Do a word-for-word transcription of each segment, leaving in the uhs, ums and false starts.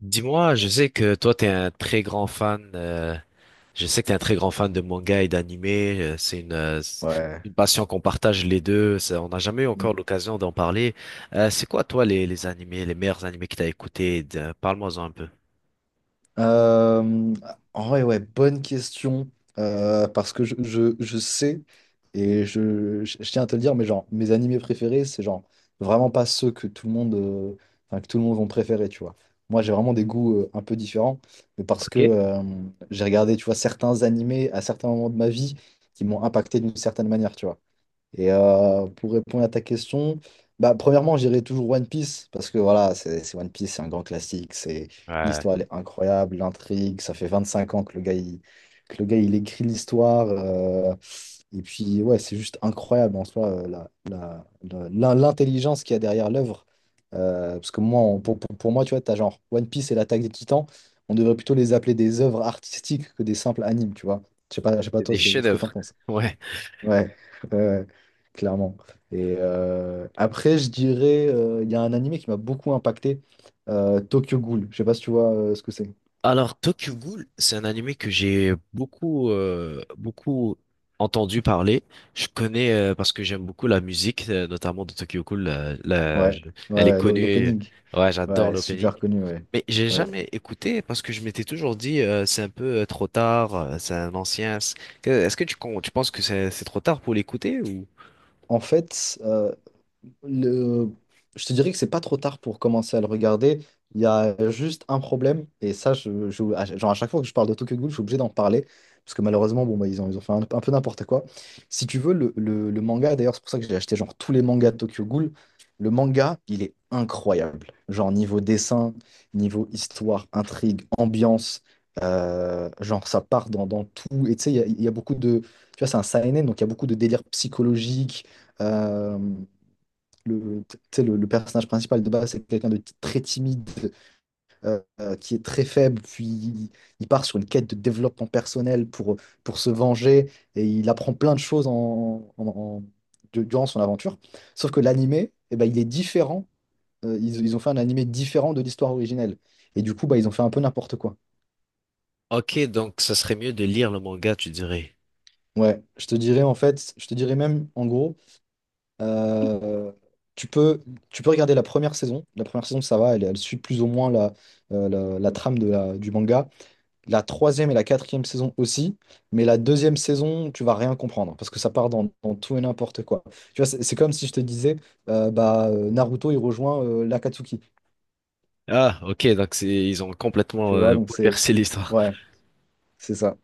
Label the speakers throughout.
Speaker 1: Dis-moi, je sais que toi, t'es un très grand fan, euh, je sais que t'es un très grand fan de manga et d'anime, euh, c'est une, euh, c'est
Speaker 2: Ouais.
Speaker 1: une passion qu'on partage les deux, ça, on n'a jamais eu
Speaker 2: Mm.
Speaker 1: encore l'occasion d'en parler. Euh, c'est quoi, toi, les, les animés, les meilleurs animés que t'as écoutés? de- Parle-moi-en un peu.
Speaker 2: Euh, En vrai, ouais, bonne question. Euh, parce que je, je, je sais, et je, je, je tiens à te le dire, mais genre, mes animés préférés, c'est genre vraiment pas ceux que tout le monde, euh, enfin, que tout le monde vont préférer, tu vois. Moi, j'ai vraiment des goûts euh, un peu différents, mais parce que
Speaker 1: Ok.
Speaker 2: euh, j'ai regardé, tu vois, certains animés à certains moments de ma vie qui m'ont impacté d'une certaine manière, tu vois. Et euh, pour répondre à ta question, bah, premièrement, j'irai toujours One Piece parce que voilà, c'est c'est One Piece, c'est un grand classique, c'est
Speaker 1: Ouais,
Speaker 2: l'histoire, elle est incroyable, l'intrigue, ça fait vingt-cinq ans que le gars il, que le gars, il écrit l'histoire, euh, et puis ouais, c'est juste incroyable en soi, euh, la, la- la- l'in- l'intelligence qu'il y a derrière l'œuvre. Euh, parce que moi, on- pour, pour, pour moi, tu vois, t'as genre One Piece et l'Attaque des Titans, on devrait plutôt les appeler des œuvres artistiques que des simples animes, tu vois. Je sais pas, je sais pas
Speaker 1: c'est
Speaker 2: toi
Speaker 1: des
Speaker 2: ce, ce que t'en
Speaker 1: chefs-d'œuvre.
Speaker 2: penses.
Speaker 1: Ouais.
Speaker 2: Ouais, ouais, ouais, clairement. Et euh, après, je dirais, euh, il y a un animé qui m'a beaucoup impacté, euh, Tokyo Ghoul. Je sais pas si tu vois euh, ce que c'est.
Speaker 1: Alors, Tokyo Ghoul, c'est un animé que j'ai beaucoup, euh, beaucoup entendu parler. Je connais euh, parce que j'aime beaucoup la musique, euh, notamment de Tokyo Ghoul. Euh, la-
Speaker 2: Ouais,
Speaker 1: je-
Speaker 2: ouais,
Speaker 1: elle est
Speaker 2: ouais, l'o-
Speaker 1: connue.
Speaker 2: l'opening.
Speaker 1: Ouais, j'adore
Speaker 2: Ouais,
Speaker 1: l'opening.
Speaker 2: super connu, ouais.
Speaker 1: Mais j'ai
Speaker 2: Ouais.
Speaker 1: jamais écouté parce que je m'étais toujours dit euh, c'est un peu euh, trop tard, euh, c'est un ancien. c'est- que- Est-ce que tu, con- tu penses que c'est c'est trop tard pour l'écouter ou?
Speaker 2: En fait, euh, le... je te dirais que c'est pas trop tard pour commencer à le regarder. Il y a juste un problème, et ça, je, je- à, genre à chaque fois que je parle de Tokyo Ghoul, je suis obligé d'en parler, parce que malheureusement, bon, bah, ils ont, ils ont fait un, un peu n'importe quoi. Si tu veux, le, le- le manga, d'ailleurs, c'est pour ça que j'ai acheté genre tous les mangas de Tokyo Ghoul, le manga, il est incroyable. Genre niveau dessin, niveau histoire, intrigue, ambiance, euh, genre ça part dans, dans tout. Et tu sais, il y a, il y a beaucoup de... Tu vois, c'est un seinen, donc il y a beaucoup de délire psychologique, euh, le, tu sais, le, le personnage principal de base, c'est quelqu'un de t- très timide, euh, euh, qui est très faible, puis il, il part sur une quête de développement personnel pour, pour se venger, et il apprend plein de choses en, en- en- du- durant son aventure. Sauf que l'animé, eh ben, il est différent. Euh, ils, ils ont fait un animé différent de l'histoire originelle. Et du coup, bah, ils ont fait un peu n'importe quoi.
Speaker 1: Ok, donc ça serait mieux de lire le manga, tu dirais.
Speaker 2: Ouais, je te dirais en fait, je te dirais même en gros. Euh, tu peux, Tu peux regarder la première saison. La première saison, ça va, elle, elle suit plus ou moins la, euh, la, la trame de la, du manga. La troisième et la quatrième saison aussi. Mais la deuxième saison, tu vas rien comprendre parce que ça part dans, dans tout et n'importe quoi. Tu vois, c'est c'est comme si je te disais, euh, bah, euh, Naruto, il rejoint euh, l'Akatsuki.
Speaker 1: Ah, ok, donc c'est ils ont complètement
Speaker 2: Tu vois,
Speaker 1: euh,
Speaker 2: donc c'est.
Speaker 1: bouleversé l'histoire.
Speaker 2: Ouais, c'est ça.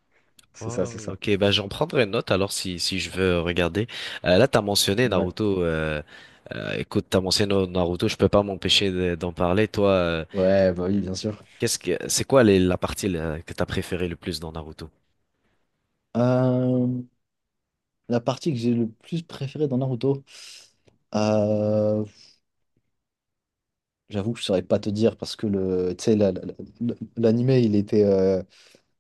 Speaker 2: C'est ça,
Speaker 1: Oh,
Speaker 2: c'est ça.
Speaker 1: ok, bah j'en prendrai note alors si si je veux regarder. Euh, là, t'as mentionné
Speaker 2: Ouais.
Speaker 1: Naruto. Euh, euh, écoute, t'as mentionné Naruto, je peux pas m'empêcher de- d'en parler. Toi, euh,
Speaker 2: Ouais, bah oui, bien sûr.
Speaker 1: qu'est-ce que c'est quoi les, la partie là, que t'as préférée le plus dans Naruto?
Speaker 2: Euh, la partie que j'ai le plus préférée dans Naruto. Euh, J'avoue que je saurais pas te dire parce que le, tu sais, la- la- la- l'anime, il était, euh,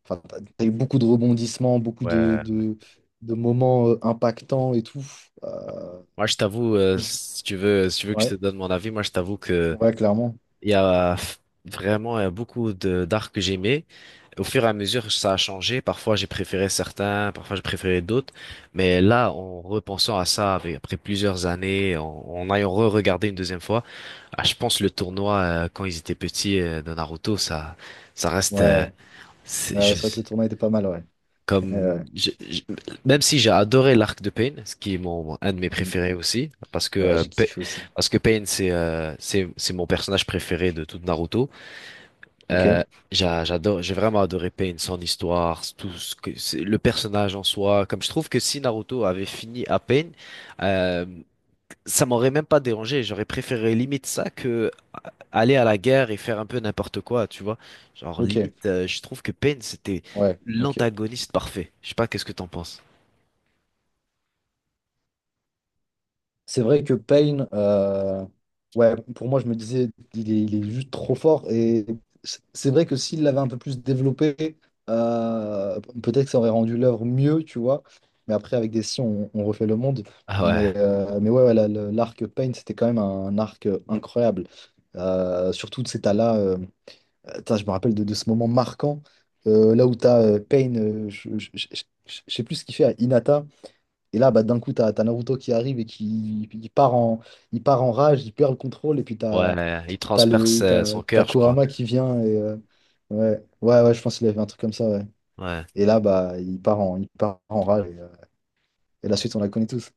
Speaker 2: enfin, t'as t'as eu beaucoup de rebondissements, beaucoup de,
Speaker 1: Ouais,
Speaker 2: de, de moments, euh, impactants et tout. Euh,
Speaker 1: moi je t'avoue, euh,
Speaker 2: j-
Speaker 1: si tu veux, si tu veux que je te
Speaker 2: ouais,
Speaker 1: donne mon avis, moi je t'avoue que
Speaker 2: ouais, clairement.
Speaker 1: il y a vraiment euh, beaucoup de d'arcs que j'aimais. Au fur et à mesure, ça a changé. Parfois, j'ai préféré certains, parfois j'ai préféré d'autres. Mais là, en repensant à ça, avec- après plusieurs années, en, en ayant re-regardé une deuxième fois, ah, je pense le tournoi euh, quand ils étaient petits euh, de Naruto, ça, ça reste euh,
Speaker 2: Ouais,
Speaker 1: c'est-
Speaker 2: ouais, ouais, c'est vrai que
Speaker 1: je-
Speaker 2: le tournoi était pas mal, ouais. Ouais, ouais.
Speaker 1: comme je- je- même si j'ai adoré l'arc de Pain, ce qui est mon un de mes
Speaker 2: Mm.
Speaker 1: préférés aussi, parce que
Speaker 2: Ouais,
Speaker 1: euh,
Speaker 2: j'ai
Speaker 1: Pain-
Speaker 2: kiffé aussi.
Speaker 1: parce que Pain c'est euh, c'est c'est mon personnage préféré de tout Naruto.
Speaker 2: Ok,
Speaker 1: Euh, j'a- J'adore, j'ai vraiment adoré Pain, son histoire, tout ce que c'est, le personnage en soi. Comme je trouve que si Naruto avait fini à Pain, euh, ça m'aurait même pas dérangé. J'aurais préféré limite ça que euh, aller à la guerre et faire un peu n'importe quoi, tu vois. Genre
Speaker 2: ok,
Speaker 1: limite, euh, je trouve que Pain c'était
Speaker 2: ouais, ok.
Speaker 1: l'antagoniste parfait. Je sais pas, qu'est-ce que t'en penses?
Speaker 2: C'est vrai que Payne, euh, ouais, pour moi, je me disais, il est, il est juste trop fort. Et c'est c'est vrai que s'il l'avait un peu plus développé, euh, peut-être que ça aurait rendu l'œuvre mieux, tu vois. Mais après, avec des si, on, on refait le monde.
Speaker 1: Ah ouais,
Speaker 2: Mais, euh, mais ouais, ouais, la- le- l'arc Payne, c'était quand même un arc incroyable. Euh, surtout, de cet là, euh, attends, je me rappelle de, de ce moment marquant, euh, là où t'as as Payne, euh, je je- je- je- je sais plus ce qu'il fait à Hinata. Et là, bah, d'un coup, t'as, t'as Naruto qui arrive et qui il part en, il part en rage, il perd le contrôle, et puis t'as,
Speaker 1: ouais, il
Speaker 2: t'as
Speaker 1: transperce
Speaker 2: le,
Speaker 1: euh,
Speaker 2: t'as,
Speaker 1: son
Speaker 2: t'as
Speaker 1: cœur, je crois.
Speaker 2: Kurama qui vient. Et, euh, ouais, ouais, ouais, je pense qu'il avait un truc comme ça, ouais.
Speaker 1: Ouais.
Speaker 2: Et là, bah, il part en, il part en rage, et, euh, et la suite, on la connaît tous.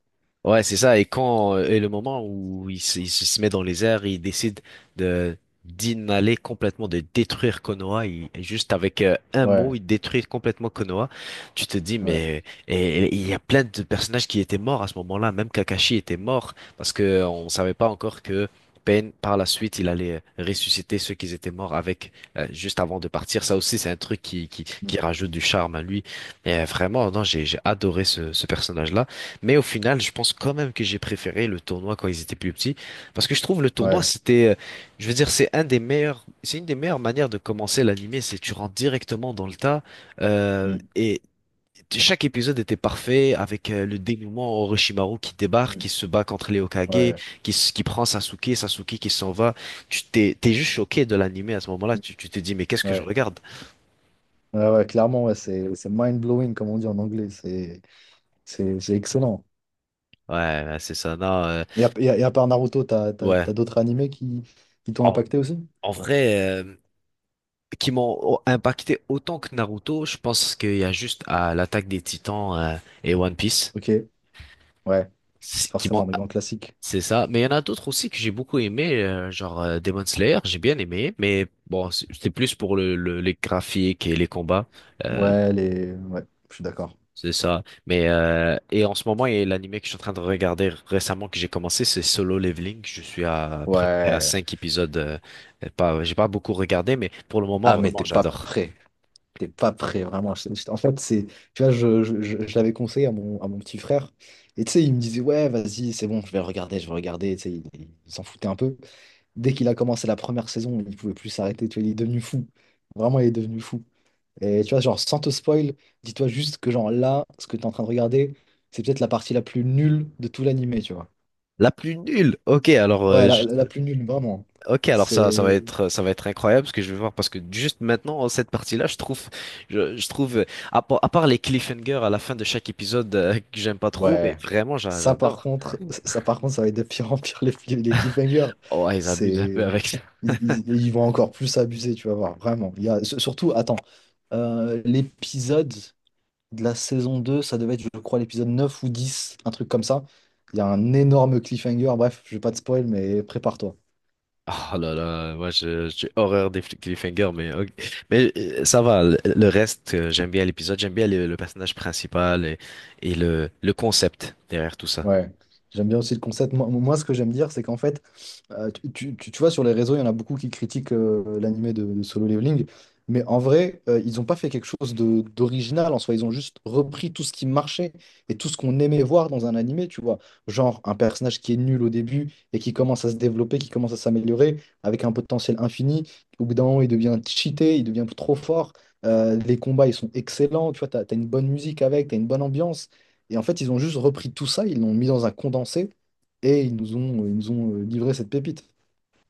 Speaker 1: Ouais, c'est ça. Et quand euh, et le moment où il, se il se il se met dans les airs, il décide de d'inhaler complètement, de détruire Konoha. Il, juste avec euh, un mot,
Speaker 2: Ouais,
Speaker 1: il détruit complètement Konoha. Tu te dis,
Speaker 2: ouais,
Speaker 1: mais et, et il y a plein de personnages qui étaient morts à ce moment-là. Même Kakashi était mort parce que euh, on savait pas encore que Pain, par la suite, il allait euh, ressusciter ceux qui étaient morts avec euh, juste avant de partir. Ça aussi, c'est un truc qui, qui qui
Speaker 2: mm,
Speaker 1: rajoute du charme à lui. Et euh, vraiment, non, j'ai j'ai adoré ce ce personnage-là. Mais au final, je pense quand même que j'ai préféré le tournoi quand ils étaient plus petits, parce que je trouve le tournoi,
Speaker 2: ouais,
Speaker 1: c'était, euh, je veux dire, c'est un des meilleurs, c'est une des meilleures manières de commencer l'animé, c'est tu rentres directement dans le tas, euh,
Speaker 2: mm,
Speaker 1: et t- chaque épisode était parfait avec euh, le dénouement Orochimaru qui débarque,
Speaker 2: mm,
Speaker 1: qui se bat contre les Hokage,
Speaker 2: ouais,
Speaker 1: qui, s- qui prend Sasuke, Sasuke qui s'en va. Tu t'es, t'es juste choqué de l'animé à ce moment-là, tu, tu te dis mais qu'est-ce que je
Speaker 2: ouais.
Speaker 1: regarde?
Speaker 2: Ouais, ouais, clairement, ouais, c'est, c'est mind-blowing, comme on dit en anglais, c'est, c'est, c'est excellent.
Speaker 1: Ouais, ouais, c'est ça, non, euh,
Speaker 2: Et à, et à- et à part Naruto, t'as, t'as,
Speaker 1: ouais.
Speaker 2: t'as d'autres animés qui, qui t'ont
Speaker 1: En,
Speaker 2: impacté aussi?
Speaker 1: en vrai. Euh, qui m'ont impacté autant que Naruto, je pense qu'il y a juste à l'attaque des Titans euh, et One Piece
Speaker 2: Ok, ouais,
Speaker 1: c'est- qui m'ont
Speaker 2: forcément, des grands classiques.
Speaker 1: c'est ça, mais il y en a d'autres aussi que j'ai beaucoup aimé euh, genre euh, Demon Slayer, j'ai bien aimé, mais bon, c'est- c'était plus pour le, le- les graphiques et les combats. euh,
Speaker 2: Ouais, les... ouais, je suis d'accord.
Speaker 1: C'est ça. Mais euh, et en ce moment, il y a l'animé que je suis en train de regarder récemment que j'ai commencé, c'est Solo Leveling. Je suis à, à peu près à
Speaker 2: Ouais.
Speaker 1: cinq épisodes. euh, pas, j'ai pas beaucoup regardé, mais pour le moment,
Speaker 2: Ah, mais
Speaker 1: vraiment,
Speaker 2: t'es pas
Speaker 1: j'adore.
Speaker 2: prêt. T'es pas prêt, vraiment. Je- je- En fait, c'est. Tu vois, je, je, je- je l'avais conseillé à mon, à mon petit frère. Et tu sais, il me disait, ouais, vas-y, c'est bon, je vais regarder, je vais regarder. Tu sais, il, il s'en foutait un peu. Dès qu'il a commencé la première saison, il pouvait plus s'arrêter. Tu vois, il est devenu fou. Vraiment, il est devenu fou. Et tu vois, genre, sans te spoil, dis-toi juste que, genre, là, ce que t'es en train de regarder, c'est peut-être la partie la plus nulle de tout l'animé, tu vois.
Speaker 1: La plus nulle. Ok, alors
Speaker 2: Ouais,
Speaker 1: euh,
Speaker 2: la,
Speaker 1: je-
Speaker 2: la plus nulle, vraiment.
Speaker 1: ok, alors ça, ça va
Speaker 2: C'est.
Speaker 1: être, ça va être incroyable ce que je vais voir parce que juste maintenant cette partie-là, je trouve, je, je trouve, euh, à part à part les cliffhangers à la fin de chaque épisode euh, que j'aime pas trop, mais
Speaker 2: Ouais.
Speaker 1: vraiment j'a-
Speaker 2: Ça par
Speaker 1: j'adore.
Speaker 2: contre, ça par contre, ça va être de pire en pire, les, les cliffhangers.
Speaker 1: Oh, ils abusent un peu
Speaker 2: C'est,
Speaker 1: avec ça.
Speaker 2: ils, ils- ils vont encore plus abuser, tu vas voir, vraiment. Il y a, surtout, attends, euh, l'épisode de la saison deux, ça devait être, je crois, l'épisode neuf ou dix, un truc comme ça. Il y a un énorme cliffhanger. Bref, je vais pas te spoil, mais prépare-toi.
Speaker 1: Oh là là, moi je, j'ai horreur des fl- cliffhangers, mais ok. Mais euh, ça va. Le, le reste, euh, j'aime bien l'épisode, j'aime bien le, le personnage principal et, et le, le concept derrière tout ça.
Speaker 2: Ouais, j'aime bien aussi le concept. Moi, moi, ce que j'aime dire, c'est qu'en fait, euh, tu, tu- tu- tu vois, sur les réseaux, il y en a beaucoup qui critiquent, euh, l'animé de, de Solo Leveling, mais en vrai, euh, ils n'ont pas fait quelque chose de- d'original en soi. Ils ont juste repris tout ce qui marchait et tout ce qu'on aimait voir dans un animé, tu vois. Genre un personnage qui est nul au début et qui commence à se développer, qui commence à s'améliorer avec un potentiel infini. Au bout d'un moment, il devient cheaté, il devient trop fort. Euh, les combats, ils sont excellents, tu vois, t'as, t'as une bonne musique avec, t'as une bonne ambiance. Et en fait, ils ont juste repris tout ça, ils l'ont mis dans un condensé et ils nous ont, ils nous ont euh, livré cette pépite.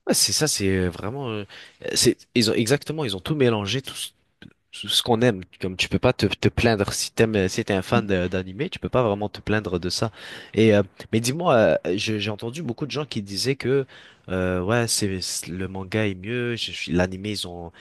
Speaker 1: Ouais, c'est ça, c'est euh, vraiment, euh, c'est, ils ont exactement, ils ont tout mélangé, tout, ce tout ce qu'on aime. Comme tu peux pas te, te plaindre si t'aimes, euh, si t'es un fan
Speaker 2: Mm.
Speaker 1: de- d'animé, tu peux pas vraiment te plaindre de ça. Et euh, mais dis-moi, euh, je- j'ai entendu beaucoup de gens qui disaient que, euh, ouais, c'est c'est- le manga est mieux, je suis- l'animé ils ont,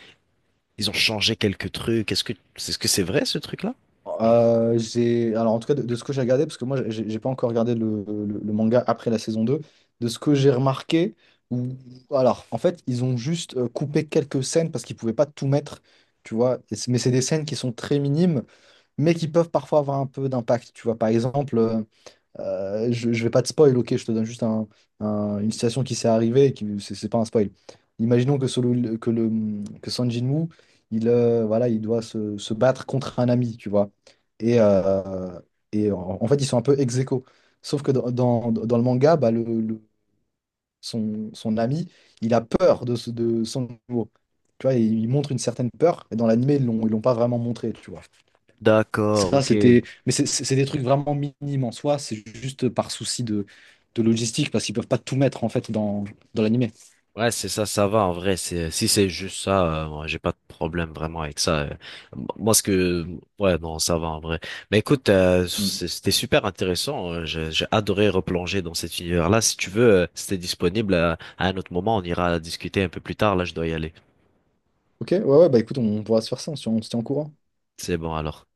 Speaker 1: ils ont changé quelques trucs. Est-ce que, est-ce que c'est vrai ce truc-là?
Speaker 2: Euh, j'ai, alors, en tout cas, de, de ce que j'ai regardé, parce que moi, j'ai j'ai pas encore regardé le, le- le manga après la saison deux. De ce que j'ai remarqué, ou alors, en fait, ils ont juste euh, coupé quelques scènes parce qu'ils pouvaient pas tout mettre, tu vois. Et c'est- Mais c'est des scènes qui sont très minimes, mais qui peuvent parfois avoir un peu d'impact. Tu vois, par exemple. Euh, Euh, je, je vais pas te spoil, ok, je te donne juste un- un- une situation qui s'est arrivée, et qui, c'est c'est pas un spoil. Imaginons que, Solo- que, le, que Son Jinwoo, il, euh, voilà, il doit se, se battre contre un ami, tu vois. Et, euh, et en, en fait, ils sont un peu ex aequo. Sauf que dans, dans, dans le manga, bah, le, le- son, son ami, il a peur de, ce- de Son Jinwoo. Tu vois, il montre une certaine peur, et dans l'anime, ils l'ont, ils l'ont pas vraiment montré, tu vois.
Speaker 1: D'accord,
Speaker 2: Ça,
Speaker 1: ok.
Speaker 2: c'était. Mais c'est c'est- c'est des trucs vraiment minimes en soi. C'est juste par souci de, de logistique, parce qu'ils peuvent pas tout mettre en fait dans, dans l'animé.
Speaker 1: Ouais, c'est ça, ça va en vrai. C'est si c'est juste ça, euh, moi, j'ai pas de problème vraiment avec ça. euh. Moi, ce que ouais, non, ça va en vrai. Mais écoute, euh,
Speaker 2: Mm.
Speaker 1: c'est- c'était super intéressant. euh, J'ai j'ai adoré replonger dans cet univers-là. Si tu veux, euh, si t'es disponible euh, à un autre moment, on ira discuter un peu plus tard. Là, je dois y aller.
Speaker 2: Ok, ouais, ouais, bah écoute, on pourra se faire ça, on se tient on se tient au courant.
Speaker 1: C'est bon alors.